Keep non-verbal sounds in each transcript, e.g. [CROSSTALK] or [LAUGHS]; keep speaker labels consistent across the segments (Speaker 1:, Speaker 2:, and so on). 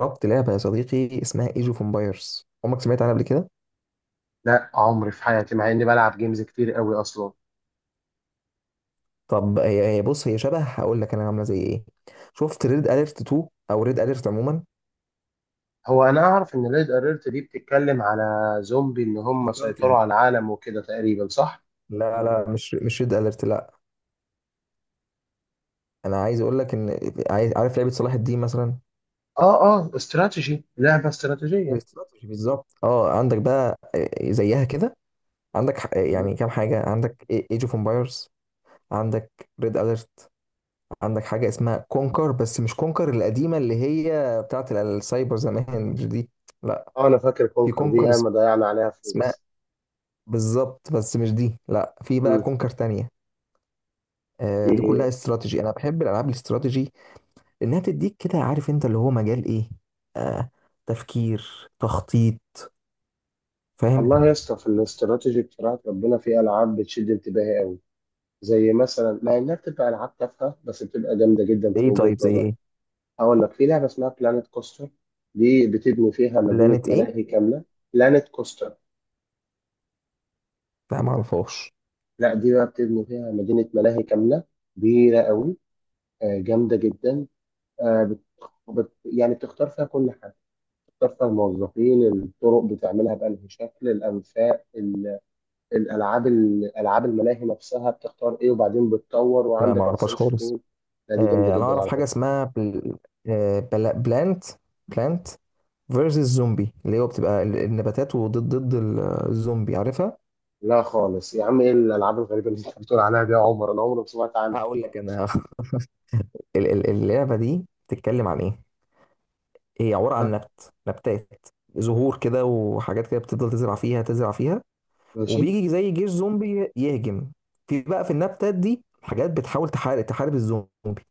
Speaker 1: جربت لعبة يا صديقي اسمها ايج اوف امبايرز، عمرك سمعت عنها قبل كده؟
Speaker 2: لا، عمري في حياتي، مع اني بلعب جيمز كتير قوي اصلا.
Speaker 1: طب هي بص، هي شبه، هقول لك انا عاملة زي ايه. شفت ريد اليرت 2 او ريد اليرت عموما،
Speaker 2: هو انا اعرف ان ريد اليرت دي بتتكلم على زومبي، ان هم سيطروا
Speaker 1: استراتيجي.
Speaker 2: على العالم وكده تقريبا، صح؟
Speaker 1: لا مش ريد اليرت، لا. انا عايز اقول لك ان عايز عارف لعبة صلاح الدين مثلا.
Speaker 2: اه، استراتيجي، لعبه استراتيجيه
Speaker 1: الاستراتيجي بالظبط، اه عندك بقى آه، زيها كده. عندك
Speaker 2: يعني.
Speaker 1: يعني كام حاجة، عندك ايج اوف امبايرز، عندك ريد اليرت، عندك حاجة اسمها كونكر بس مش كونكر القديمة اللي هي بتاعت السايبر زمان، مش دي، لا.
Speaker 2: اه، انا فاكر
Speaker 1: في
Speaker 2: كونكر دي،
Speaker 1: كونكر
Speaker 2: ياما ضيعنا عليها
Speaker 1: اسمها
Speaker 2: فلوس.
Speaker 1: بالظبط بس مش دي، لا، في بقى
Speaker 2: امم
Speaker 1: كونكر تانية. آه، دي كلها
Speaker 2: دي.
Speaker 1: استراتيجي، انا بحب الالعاب الاستراتيجي لانها تديك كده، عارف انت اللي هو مجال ايه، آه، تفكير، تخطيط، فاهم؟
Speaker 2: والله يا اسطى، في الاستراتيجي بصراحه ربنا، في العاب بتشد انتباهي، زي مثلا، مع انها بتبقى العاب تافهه بس بتبقى جامده جدا في
Speaker 1: ايه
Speaker 2: وجهه
Speaker 1: طيب زي
Speaker 2: نظري.
Speaker 1: ايه؟
Speaker 2: هقول لك، في لعبه اسمها بلانيت كوستر، دي بتبني فيها مدينه
Speaker 1: بلانت ايه؟
Speaker 2: ملاهي كامله. بلانيت كوستر.
Speaker 1: لا ما اعرفهاش.
Speaker 2: لا، دي بقى بتبني فيها مدينة ملاهي كاملة، كبيرة قوي. آه، جامدة جدا. آه، يعني بتختار فيها كل حاجة. بتختار فيها الموظفين، الطرق بتعملها بأنهي شكل، الأنفاق الألعاب ألعاب الملاهي نفسها بتختار إيه، وبعدين بتطور
Speaker 1: لا ما
Speaker 2: وعندك
Speaker 1: اعرفهاش
Speaker 2: ريسيرش
Speaker 1: خالص.
Speaker 2: تيم. لا، دي جامدة
Speaker 1: آه انا
Speaker 2: جدا
Speaker 1: اعرف
Speaker 2: على
Speaker 1: حاجه
Speaker 2: فكرة.
Speaker 1: اسمها بلانت، بلانت فيرسز زومبي، اللي هو بتبقى النباتات، وضد الزومبي، عارفها.
Speaker 2: لا خالص يا عم، إيه الألعاب الغريبة اللي أنت بتقول عليها دي يا عمر؟ أنا عمري ما سمعت عنها.
Speaker 1: هقول لك انا [LAUGHS] اللعبه دي بتتكلم عن ايه. هي عبارة عن
Speaker 2: آه،
Speaker 1: نبتات، زهور كده وحاجات كده، بتفضل تزرع فيها،
Speaker 2: ماشي
Speaker 1: وبيجي زي جيش زومبي يهجم. في بقى في النبتات دي حاجات بتحاول تحارب الزومبي،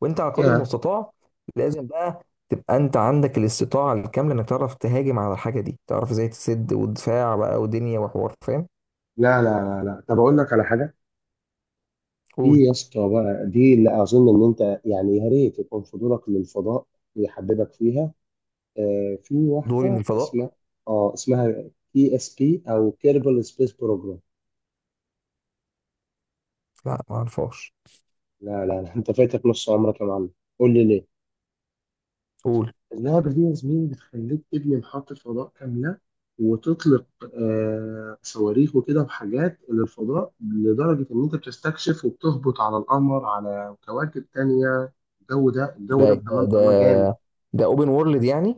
Speaker 1: وانت على قدر
Speaker 2: يا.
Speaker 1: المستطاع لازم بقى تبقى انت عندك الاستطاعة الكاملة، انك تعرف تهاجم على الحاجة دي، تعرف ازاي تسد، ودفاع بقى ودنيا وحوار، فاهم.
Speaker 2: لا لا لا لا، طب أقول لك على حاجة.
Speaker 1: قول.
Speaker 2: في يا اسطى بقى دي، اللي اظن ان انت يعني يا ريت يكون فضولك للفضاء يحببك فيها. آه، في
Speaker 1: دوري من
Speaker 2: واحده
Speaker 1: الفضاء.
Speaker 2: اسمها، اه اسمها بي اس بي او كيربل سبيس بروجرام.
Speaker 1: لا ما اعرفهاش.
Speaker 2: لا لا لا، انت فايتك نص عمرك يا معلم. قول لي ليه.
Speaker 1: قول.
Speaker 2: اللعبه دي يا زميلي بتخليك تبني محطه فضاء كامله، وتطلق آه صواريخ وكده وحاجات للفضاء، لدرجه ان انت بتستكشف وبتهبط على القمر، على كواكب تانيه. الجو ده، الجو
Speaker 1: ده
Speaker 2: ده،
Speaker 1: ده
Speaker 2: بامانه
Speaker 1: ده
Speaker 2: الله جامد.
Speaker 1: ده اوبن وورلد يعني.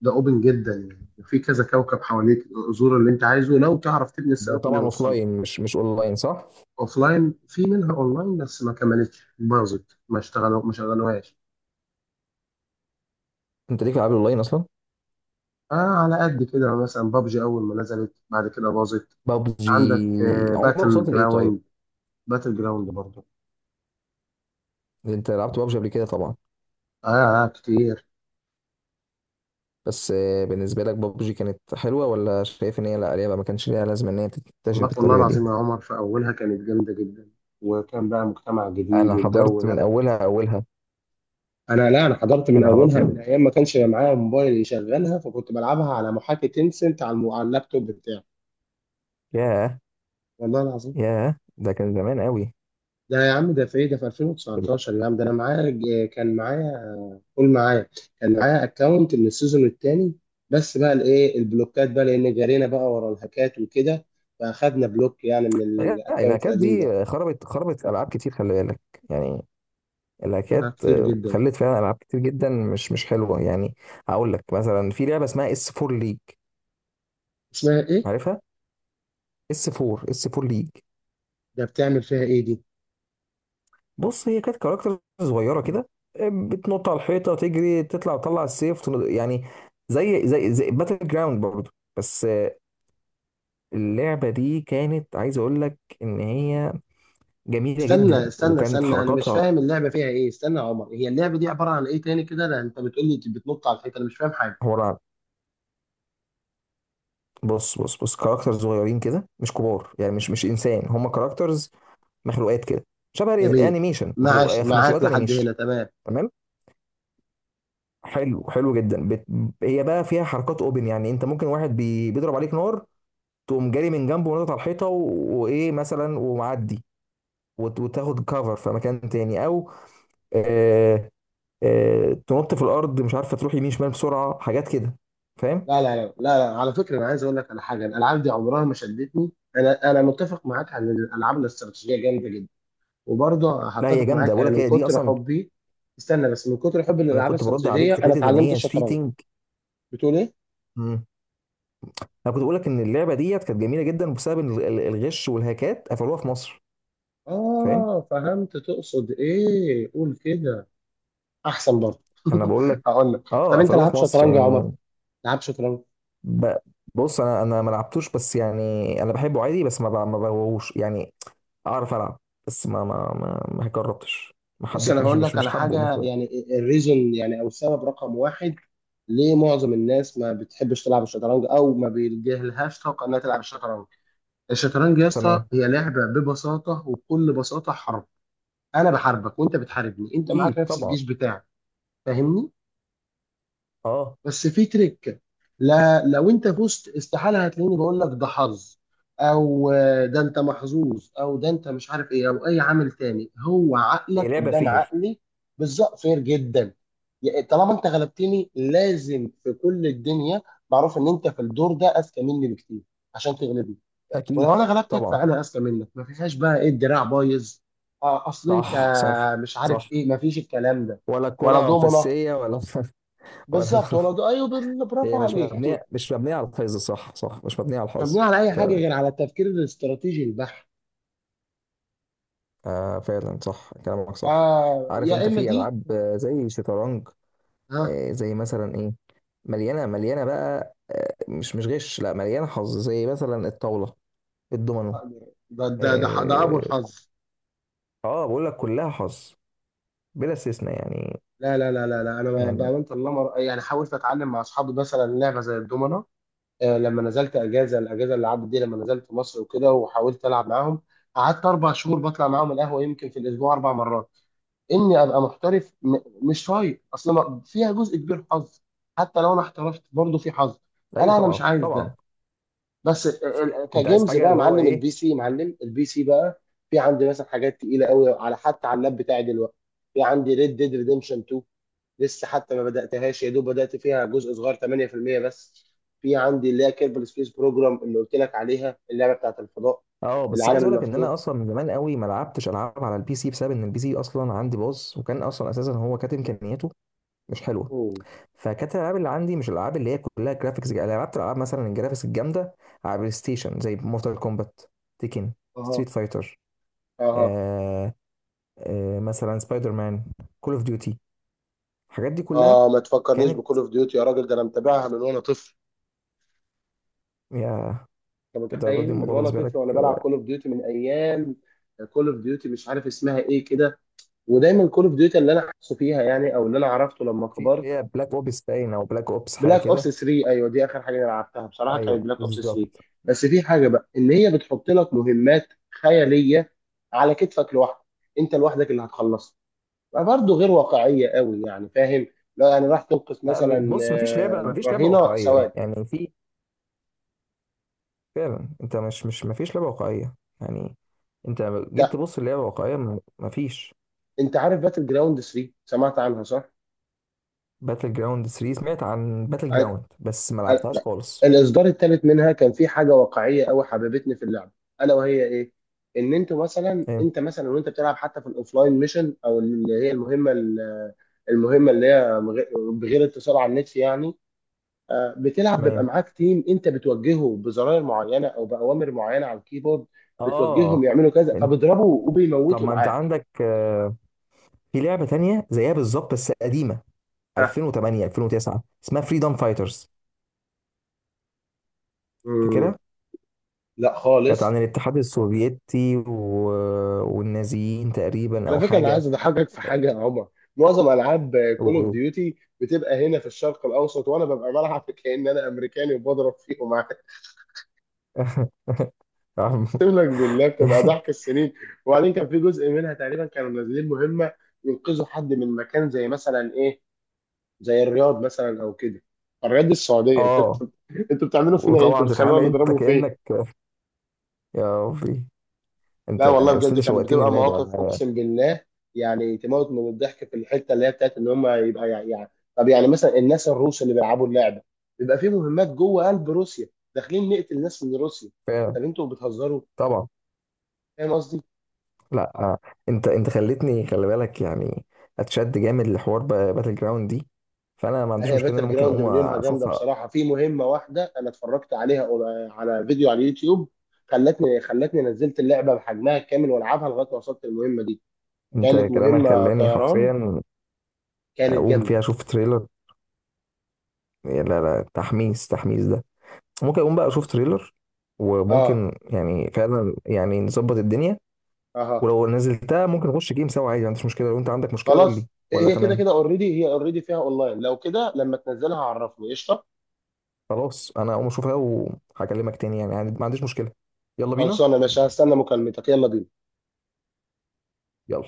Speaker 2: ده اوبن جدا يعني، وفي كذا كوكب حواليك، زور اللي انت عايزه لو تعرف تبني
Speaker 1: ده
Speaker 2: الصاروخ اللي
Speaker 1: طبعا اوف
Speaker 2: يوصلك.
Speaker 1: لاين، مش اونلاين، صح؟
Speaker 2: لاين، في منها اونلاين بس ما كملتش، باظت، ما اشتغلوا، ما شغلوهاش.
Speaker 1: انت ليك في العاب الاونلاين اصلا؟
Speaker 2: آه. على قد كده مثلا، بابجي اول ما نزلت، بعد كده باظت.
Speaker 1: بابجي
Speaker 2: عندك
Speaker 1: عمرك
Speaker 2: باتل
Speaker 1: وصلت لايه طيب؟
Speaker 2: جراوند، باتل جراوند برضه.
Speaker 1: انت لعبت بابجي قبل كده طبعا.
Speaker 2: اه كتير.
Speaker 1: بس آه، بالنسبه لك بابجي كانت حلوه، ولا شايف ان هي لا لعبه ما كانش ليها لازمه ان هي تنتشر
Speaker 2: والله والله
Speaker 1: بالطريقه دي؟
Speaker 2: العظيم يا عمر، في اولها كانت جامده جدا، وكان بقى مجتمع جديد
Speaker 1: انا
Speaker 2: والجو
Speaker 1: حضرت من
Speaker 2: ده.
Speaker 1: اولها اولها.
Speaker 2: انا لا، انا حضرت من
Speaker 1: انا حضرت
Speaker 2: اولها
Speaker 1: من
Speaker 2: من ايام ما كانش معايا موبايل يشغلها، فكنت بلعبها على محاكي تينسنت، على على اللابتوب بتاعي.
Speaker 1: ياه،
Speaker 2: والله العظيم.
Speaker 1: ياه ده كان زمان قوي.
Speaker 2: ده يا عم، ده في ايه، ده في 2019 يا عم. ده انا معايا كان معايا. قول. معايا، كان معايا اكونت من السيزون الثاني. بس بقى الايه، البلوكات بقى، لان جرينا بقى ورا الهاكات وكده، فاخدنا بلوك يعني من
Speaker 1: لا،
Speaker 2: الاكونت
Speaker 1: الهاكات
Speaker 2: القديم ده.
Speaker 1: دي خربت العاب كتير، خلي بالك يعني.
Speaker 2: آه
Speaker 1: الهاكات
Speaker 2: كتير
Speaker 1: آه،
Speaker 2: جدا.
Speaker 1: خلت فعلا العاب كتير جدا مش حلوه يعني. هقول لك مثلا في لعبه اسمها اس 4 ليج،
Speaker 2: اسمها ايه؟
Speaker 1: عارفها؟ اس 4 ليج.
Speaker 2: ده بتعمل فيها ايه دي؟
Speaker 1: بص هي كانت كاركتر صغيره كده، بتنط على الحيطه، تجري، تطلع السيف، يعني زي زي باتل جراوند برضه، بس اللعبه دي كانت، عايز اقول لك، ان هي جميله جدا
Speaker 2: استنى استنى
Speaker 1: وكانت
Speaker 2: استنى، انا مش
Speaker 1: حركاتها
Speaker 2: فاهم اللعبه فيها ايه، استنى يا عمر، هي اللعبه دي عباره عن ايه تاني كده؟ لا انت بتقول لي بتنط على الحيطه، انا مش فاهم حاجه.
Speaker 1: عباره عن، بص، كاركتر صغيرين كده، مش كبار يعني، مش انسان، هم كاركترز، مخلوقات كده، شبه
Speaker 2: جميل.
Speaker 1: الانيميشن،
Speaker 2: ماشي معاك
Speaker 1: مخلوقات
Speaker 2: لحد
Speaker 1: انيميشن.
Speaker 2: هنا، تمام.
Speaker 1: تمام. حلو، حلو جدا. هي بقى فيها حركات اوبن، يعني انت ممكن واحد بيضرب عليك نار، تقوم جاري من جنبه ونطط على الحيطه وايه مثلا ومعدي، وتاخد كفر في مكان تاني، او آه، تنط في الارض، مش عارفه تروح يمين شمال بسرعه، حاجات كده، فاهم؟
Speaker 2: لا لا لا لا، لا. على فكره، انا عايز اقول لك على حاجه، الالعاب دي عمرها ما شدتني. انا متفق معاك، عن الالعاب الاستراتيجيه جامده جدا، وبرضه
Speaker 1: لا هي
Speaker 2: هتفق
Speaker 1: جامده،
Speaker 2: معاك
Speaker 1: بقول
Speaker 2: يعني،
Speaker 1: لك
Speaker 2: من
Speaker 1: هي دي
Speaker 2: كتر
Speaker 1: اصلا.
Speaker 2: حبي. استنى بس، من كتر حبي
Speaker 1: انا
Speaker 2: للالعاب
Speaker 1: كنت برد عليك
Speaker 2: الاستراتيجيه
Speaker 1: في
Speaker 2: انا
Speaker 1: حته ان
Speaker 2: اتعلمت
Speaker 1: هي
Speaker 2: الشطرنج.
Speaker 1: شيتنج.
Speaker 2: بتقول ايه؟
Speaker 1: انا كنت بقول لك ان اللعبه ديت كانت جميله جدا، بسبب إن الغش والهاكات قفلوها في مصر، فاهم.
Speaker 2: اه، فهمت تقصد ايه، قول كده. احسن برضه.
Speaker 1: انا
Speaker 2: [LAUGHS]
Speaker 1: بقول لك،
Speaker 2: هقول لك.
Speaker 1: اه
Speaker 2: طب انت
Speaker 1: قفلوها
Speaker 2: لعبت
Speaker 1: في مصر
Speaker 2: شطرنج يا عمر؟
Speaker 1: يعني.
Speaker 2: لعبت شطرنج؟
Speaker 1: ب- بص، انا ما لعبتوش، بس يعني انا بحبه عادي، بس ما بغوش يعني، اعرف العب، بس ما جربتش، ما
Speaker 2: بص،
Speaker 1: حبيت،
Speaker 2: انا
Speaker 1: مش
Speaker 2: هقول
Speaker 1: مش
Speaker 2: لك
Speaker 1: مش
Speaker 2: على
Speaker 1: حابه ومش
Speaker 2: حاجه يعني، الريزون يعني، او السبب رقم واحد، ليه معظم الناس ما بتحبش تلعب الشطرنج، او ما بيجيلهاش طاقه انها تلعب الشطرنج. الشطرنج يا اسطى
Speaker 1: تمام.
Speaker 2: هي لعبه، ببساطه وبكل بساطه، حرب. انا بحاربك وانت بتحاربني، انت معاك
Speaker 1: اكيد
Speaker 2: نفس
Speaker 1: طبعا.
Speaker 2: الجيش بتاعك. فاهمني؟
Speaker 1: اه.
Speaker 2: بس في تريك. لا، لو انت فزت استحاله هتلاقيني بقول لك ده حظ، او آه، ده انت محظوظ، او ده انت مش عارف ايه، او اي عامل تاني، هو
Speaker 1: هي
Speaker 2: عقلك
Speaker 1: لعبه
Speaker 2: قدام
Speaker 1: فير.
Speaker 2: عقلي. بالظبط، فير جدا. يعني طالما انت غلبتني، لازم في كل الدنيا معروف ان انت في الدور ده اذكى مني بكتير عشان تغلبني.
Speaker 1: اكيد
Speaker 2: ولو انا غلبتك
Speaker 1: طبعا.
Speaker 2: فانا اذكى منك، ما فيهاش بقى ايه، الدراع بايظ، آه، اصل انت
Speaker 1: صح صح
Speaker 2: مش عارف
Speaker 1: صح.
Speaker 2: ايه، ما فيش الكلام ده.
Speaker 1: ولا
Speaker 2: ولا
Speaker 1: الكرة
Speaker 2: دومنه.
Speaker 1: مفسية، ولا [LAUGHS] ولا.
Speaker 2: بالظبط، ولا ده، ايوه،
Speaker 1: هي
Speaker 2: برافو عليك. [LAUGHS]
Speaker 1: مش مبنيه على الحظ، صح صح، مش مبنيه على
Speaker 2: مش مبنيه
Speaker 1: الحظ.
Speaker 2: على اي حاجه،
Speaker 1: فعلا.
Speaker 2: غير على التفكير الاستراتيجي البحت.
Speaker 1: آه فعلا، صح كلامك صح.
Speaker 2: اه،
Speaker 1: عارف
Speaker 2: يا
Speaker 1: انت
Speaker 2: اما
Speaker 1: في
Speaker 2: دي.
Speaker 1: العاب آه، زي شطرنج.
Speaker 2: ها.
Speaker 1: آه زي مثلا ايه، مليانه بقى، آه مش غش، لا، مليانه حظ، زي مثلا الطاوله، الدومينو.
Speaker 2: ده ابو
Speaker 1: اه.
Speaker 2: الحظ.
Speaker 1: آه، بقول لك كلها حظ، بلا استثناء يعني.
Speaker 2: لا لا لا لا لا، انا
Speaker 1: يعني
Speaker 2: بامانه الله يعني حاولت اتعلم مع اصحابي مثلا لعبه زي الدومنه. آه، لما نزلت اجازه، الاجازه اللي عدت دي، لما نزلت مصر وكده، وحاولت العب معاهم. قعدت اربع شهور بطلع معاهم القهوه، يمكن في الاسبوع اربع مرات، اني ابقى محترف، مش شايط، اصل فيها جزء كبير حظ. حتى لو انا احترفت برضه في حظ.
Speaker 1: ايوه،
Speaker 2: انا مش
Speaker 1: طبعا
Speaker 2: عايز
Speaker 1: طبعا.
Speaker 2: ده. بس
Speaker 1: انت عايز
Speaker 2: كجيمز
Speaker 1: حاجه
Speaker 2: بقى،
Speaker 1: اللي هو
Speaker 2: معلم
Speaker 1: ايه؟
Speaker 2: البي سي، معلم البي سي بقى. في عندي مثلا حاجات تقيله قوي، على حتى على اللاب بتاعي دلوقتي. في عندي ريد ديد ريديمشن 2، لسه حتى ما بداتهاش، يا دوب بدات فيها جزء صغير 8% بس. في عندي اللي هي كيربل سبيس بروجرام اللي قلت لك عليها، اللعبه بتاعت الفضاء.
Speaker 1: اه بس عايز
Speaker 2: العالم
Speaker 1: اقول لك ان انا
Speaker 2: المفتوح.
Speaker 1: اصلا من زمان قوي ما لعبتش العاب على البي سي، بسبب ان البي سي اصلا عندي باظ، وكان اصلا اساسا هو كانت امكانياته مش حلوه.
Speaker 2: اوه.
Speaker 1: فكانت الالعاب اللي عندي مش الالعاب اللي هي كلها جرافيكس. انا لعبت العاب مثلا الجرافيكس الجامده على بلاي ستيشن، زي مورتال كومبات، تيكن،
Speaker 2: اها.
Speaker 1: ستريت فايتر،
Speaker 2: اها.
Speaker 1: آه، آه مثلا سبايدر مان، كول اوف ديوتي، الحاجات دي كلها
Speaker 2: اه، ما تفكرنيش بكول اوف ديوتي يا راجل، ده انا متابعها من وانا طفل.
Speaker 1: كانت
Speaker 2: انت
Speaker 1: الدرجات دي
Speaker 2: متخيل، من
Speaker 1: الموضوع
Speaker 2: وانا
Speaker 1: بالنسبه لك.
Speaker 2: طفل وانا بلعب كول اوف ديوتي، من ايام كول اوف ديوتي مش عارف اسمها ايه كده. ودايما كول اوف ديوتي اللي انا حاسه فيها يعني، او اللي انا عرفته لما
Speaker 1: في
Speaker 2: كبرت،
Speaker 1: اللي هي بلاك اوبس باين، او بلاك اوبس حاجه
Speaker 2: بلاك اوبس
Speaker 1: كده.
Speaker 2: 3. ايوه دي اخر حاجه انا لعبتها بصراحه، كانت
Speaker 1: ايوه
Speaker 2: بلاك اوبس 3.
Speaker 1: بالظبط.
Speaker 2: بس في حاجه بقى ان هي بتحط لك مهمات خياليه، على كتفك لوحدك، انت لوحدك اللي هتخلصها، فبرضه غير واقعيه قوي يعني، فاهم. لا يعني راح تنقذ
Speaker 1: آه،
Speaker 2: مثلا
Speaker 1: بص،
Speaker 2: آه،
Speaker 1: مفيش لعبه
Speaker 2: رهينه
Speaker 1: واقعيه
Speaker 2: سواد.
Speaker 1: يعني، في فعلا، انت مش مفيش لعبه واقعيه يعني، انت لما جيت تبص اللعبه واقعيه مفيش.
Speaker 2: انت عارف باتل جراوند 3، سمعت عنها صح؟
Speaker 1: باتل جراوند 3؟ سمعت عن باتل
Speaker 2: ع-
Speaker 1: جراوند بس ما لعبتهاش
Speaker 2: لا.
Speaker 1: خالص.
Speaker 2: الاصدار الثالث منها كان في حاجه واقعيه قوي حببتني في اللعبه. الا وهي ايه؟ ان انت مثلا،
Speaker 1: ايه.
Speaker 2: وانت بتلعب، حتى في الاوفلاين ميشن، او اللي هي المهمه المهمه اللي هي بغير اتصال على النت يعني. آه، بتلعب، بيبقى
Speaker 1: تمام.
Speaker 2: معاك تيم انت بتوجهه بزراير معينه او باوامر معينه على الكيبورد. بتوجههم
Speaker 1: اه.
Speaker 2: يعملوا كذا،
Speaker 1: انت.
Speaker 2: فبيضربوا
Speaker 1: طب
Speaker 2: وبيموتوا
Speaker 1: ما انت
Speaker 2: معاك.
Speaker 1: عندك آه، في لعبه تانية زيها بالظبط بس قديمه،
Speaker 2: ها.
Speaker 1: 2008، 2009، اسمها فريدم فايترز،
Speaker 2: مم.
Speaker 1: فاكرها؟
Speaker 2: لا
Speaker 1: كانت
Speaker 2: خالص.
Speaker 1: عن الاتحاد السوفيتي و... والنازيين تقريبا،
Speaker 2: على
Speaker 1: او
Speaker 2: فكره، انا عايز
Speaker 1: حاجه.
Speaker 2: اضحكك في حاجه يا عمر. معظم العاب كول اوف
Speaker 1: و...
Speaker 2: ديوتي بتبقى هنا في الشرق الاوسط، وانا ببقى بلعب كأن انا امريكاني وبضرب فيهم عادي. [LAUGHS]
Speaker 1: [LAUGHS]
Speaker 2: اقسم لك بالله، بتبقى ضحك السنين. وبعدين كان في جزء منها تقريبا، كانوا منزلين مهمه ينقذوا حد من مكان، زي مثلا ايه؟ زي الرياض مثلا او كده. الرياض دي السعوديه. [LAUGHS] انتوا،
Speaker 1: اه.
Speaker 2: انتوا بتعملوا فينا ايه، انتوا
Speaker 1: وطبعا تتعامل
Speaker 2: بتخلونا
Speaker 1: انت
Speaker 2: نضربه فين؟
Speaker 1: كانك، يا ربي.
Speaker 2: لا
Speaker 1: انت.
Speaker 2: والله
Speaker 1: بس
Speaker 2: بجد،
Speaker 1: انت
Speaker 2: كانت
Speaker 1: شوقتني
Speaker 2: بتبقى
Speaker 1: اللعبه.
Speaker 2: مواقف اقسم بالله. يعني تموت من الضحك في الحته اللي هي بتاعت ان هم يبقى يعني، طب يعني مثلا الناس الروس اللي بيلعبوا اللعبه، بيبقى في مهمات جوه قلب روسيا، داخلين نقتل ناس من روسيا.
Speaker 1: فعلا.
Speaker 2: طب انتوا بتهزروا.
Speaker 1: طبعا.
Speaker 2: فاهم قصدي؟
Speaker 1: لا آه، انت خلتني، خلي بالك يعني، اتشد جامد لحوار باتل جراوند دي، فانا ما
Speaker 2: لا،
Speaker 1: عنديش
Speaker 2: هي
Speaker 1: مشكله ان انا
Speaker 2: باتل
Speaker 1: ممكن
Speaker 2: جراوند
Speaker 1: اقوم
Speaker 2: من يومها جامده
Speaker 1: اشوفها.
Speaker 2: بصراحه، في مهمه واحده انا اتفرجت عليها على فيديو على اليوتيوب، خلتني نزلت اللعبه بحجمها الكامل والعبها لغايه ما وصلت المهمه دي.
Speaker 1: انت
Speaker 2: كانت
Speaker 1: كلامك
Speaker 2: مهمه
Speaker 1: خلاني
Speaker 2: طيران،
Speaker 1: حرفيا
Speaker 2: كانت
Speaker 1: اقوم فيها
Speaker 2: جامده.
Speaker 1: اشوف تريلر. لا لا، تحميس ده. ممكن اقوم بقى اشوف تريلر،
Speaker 2: اه.
Speaker 1: وممكن يعني فعلا يعني نظبط الدنيا.
Speaker 2: اها.
Speaker 1: ولو نزلتها ممكن نخش جيم سوا عادي، ما عنديش مشكله، لو انت عندك مشكله قول لي
Speaker 2: خلاص،
Speaker 1: ولا
Speaker 2: هي كده
Speaker 1: تمام.
Speaker 2: كده اوريدي، هي اوريدي فيها اونلاين، لو كده لما تنزلها عرفني، قشطه.
Speaker 1: خلاص انا اقوم اشوفها وهكلمك تاني يعني ما عنديش مشكله. يلا بينا.
Speaker 2: خلصانه يا باشا، هستنى مكالمتك، يلا بينا.
Speaker 1: يلا.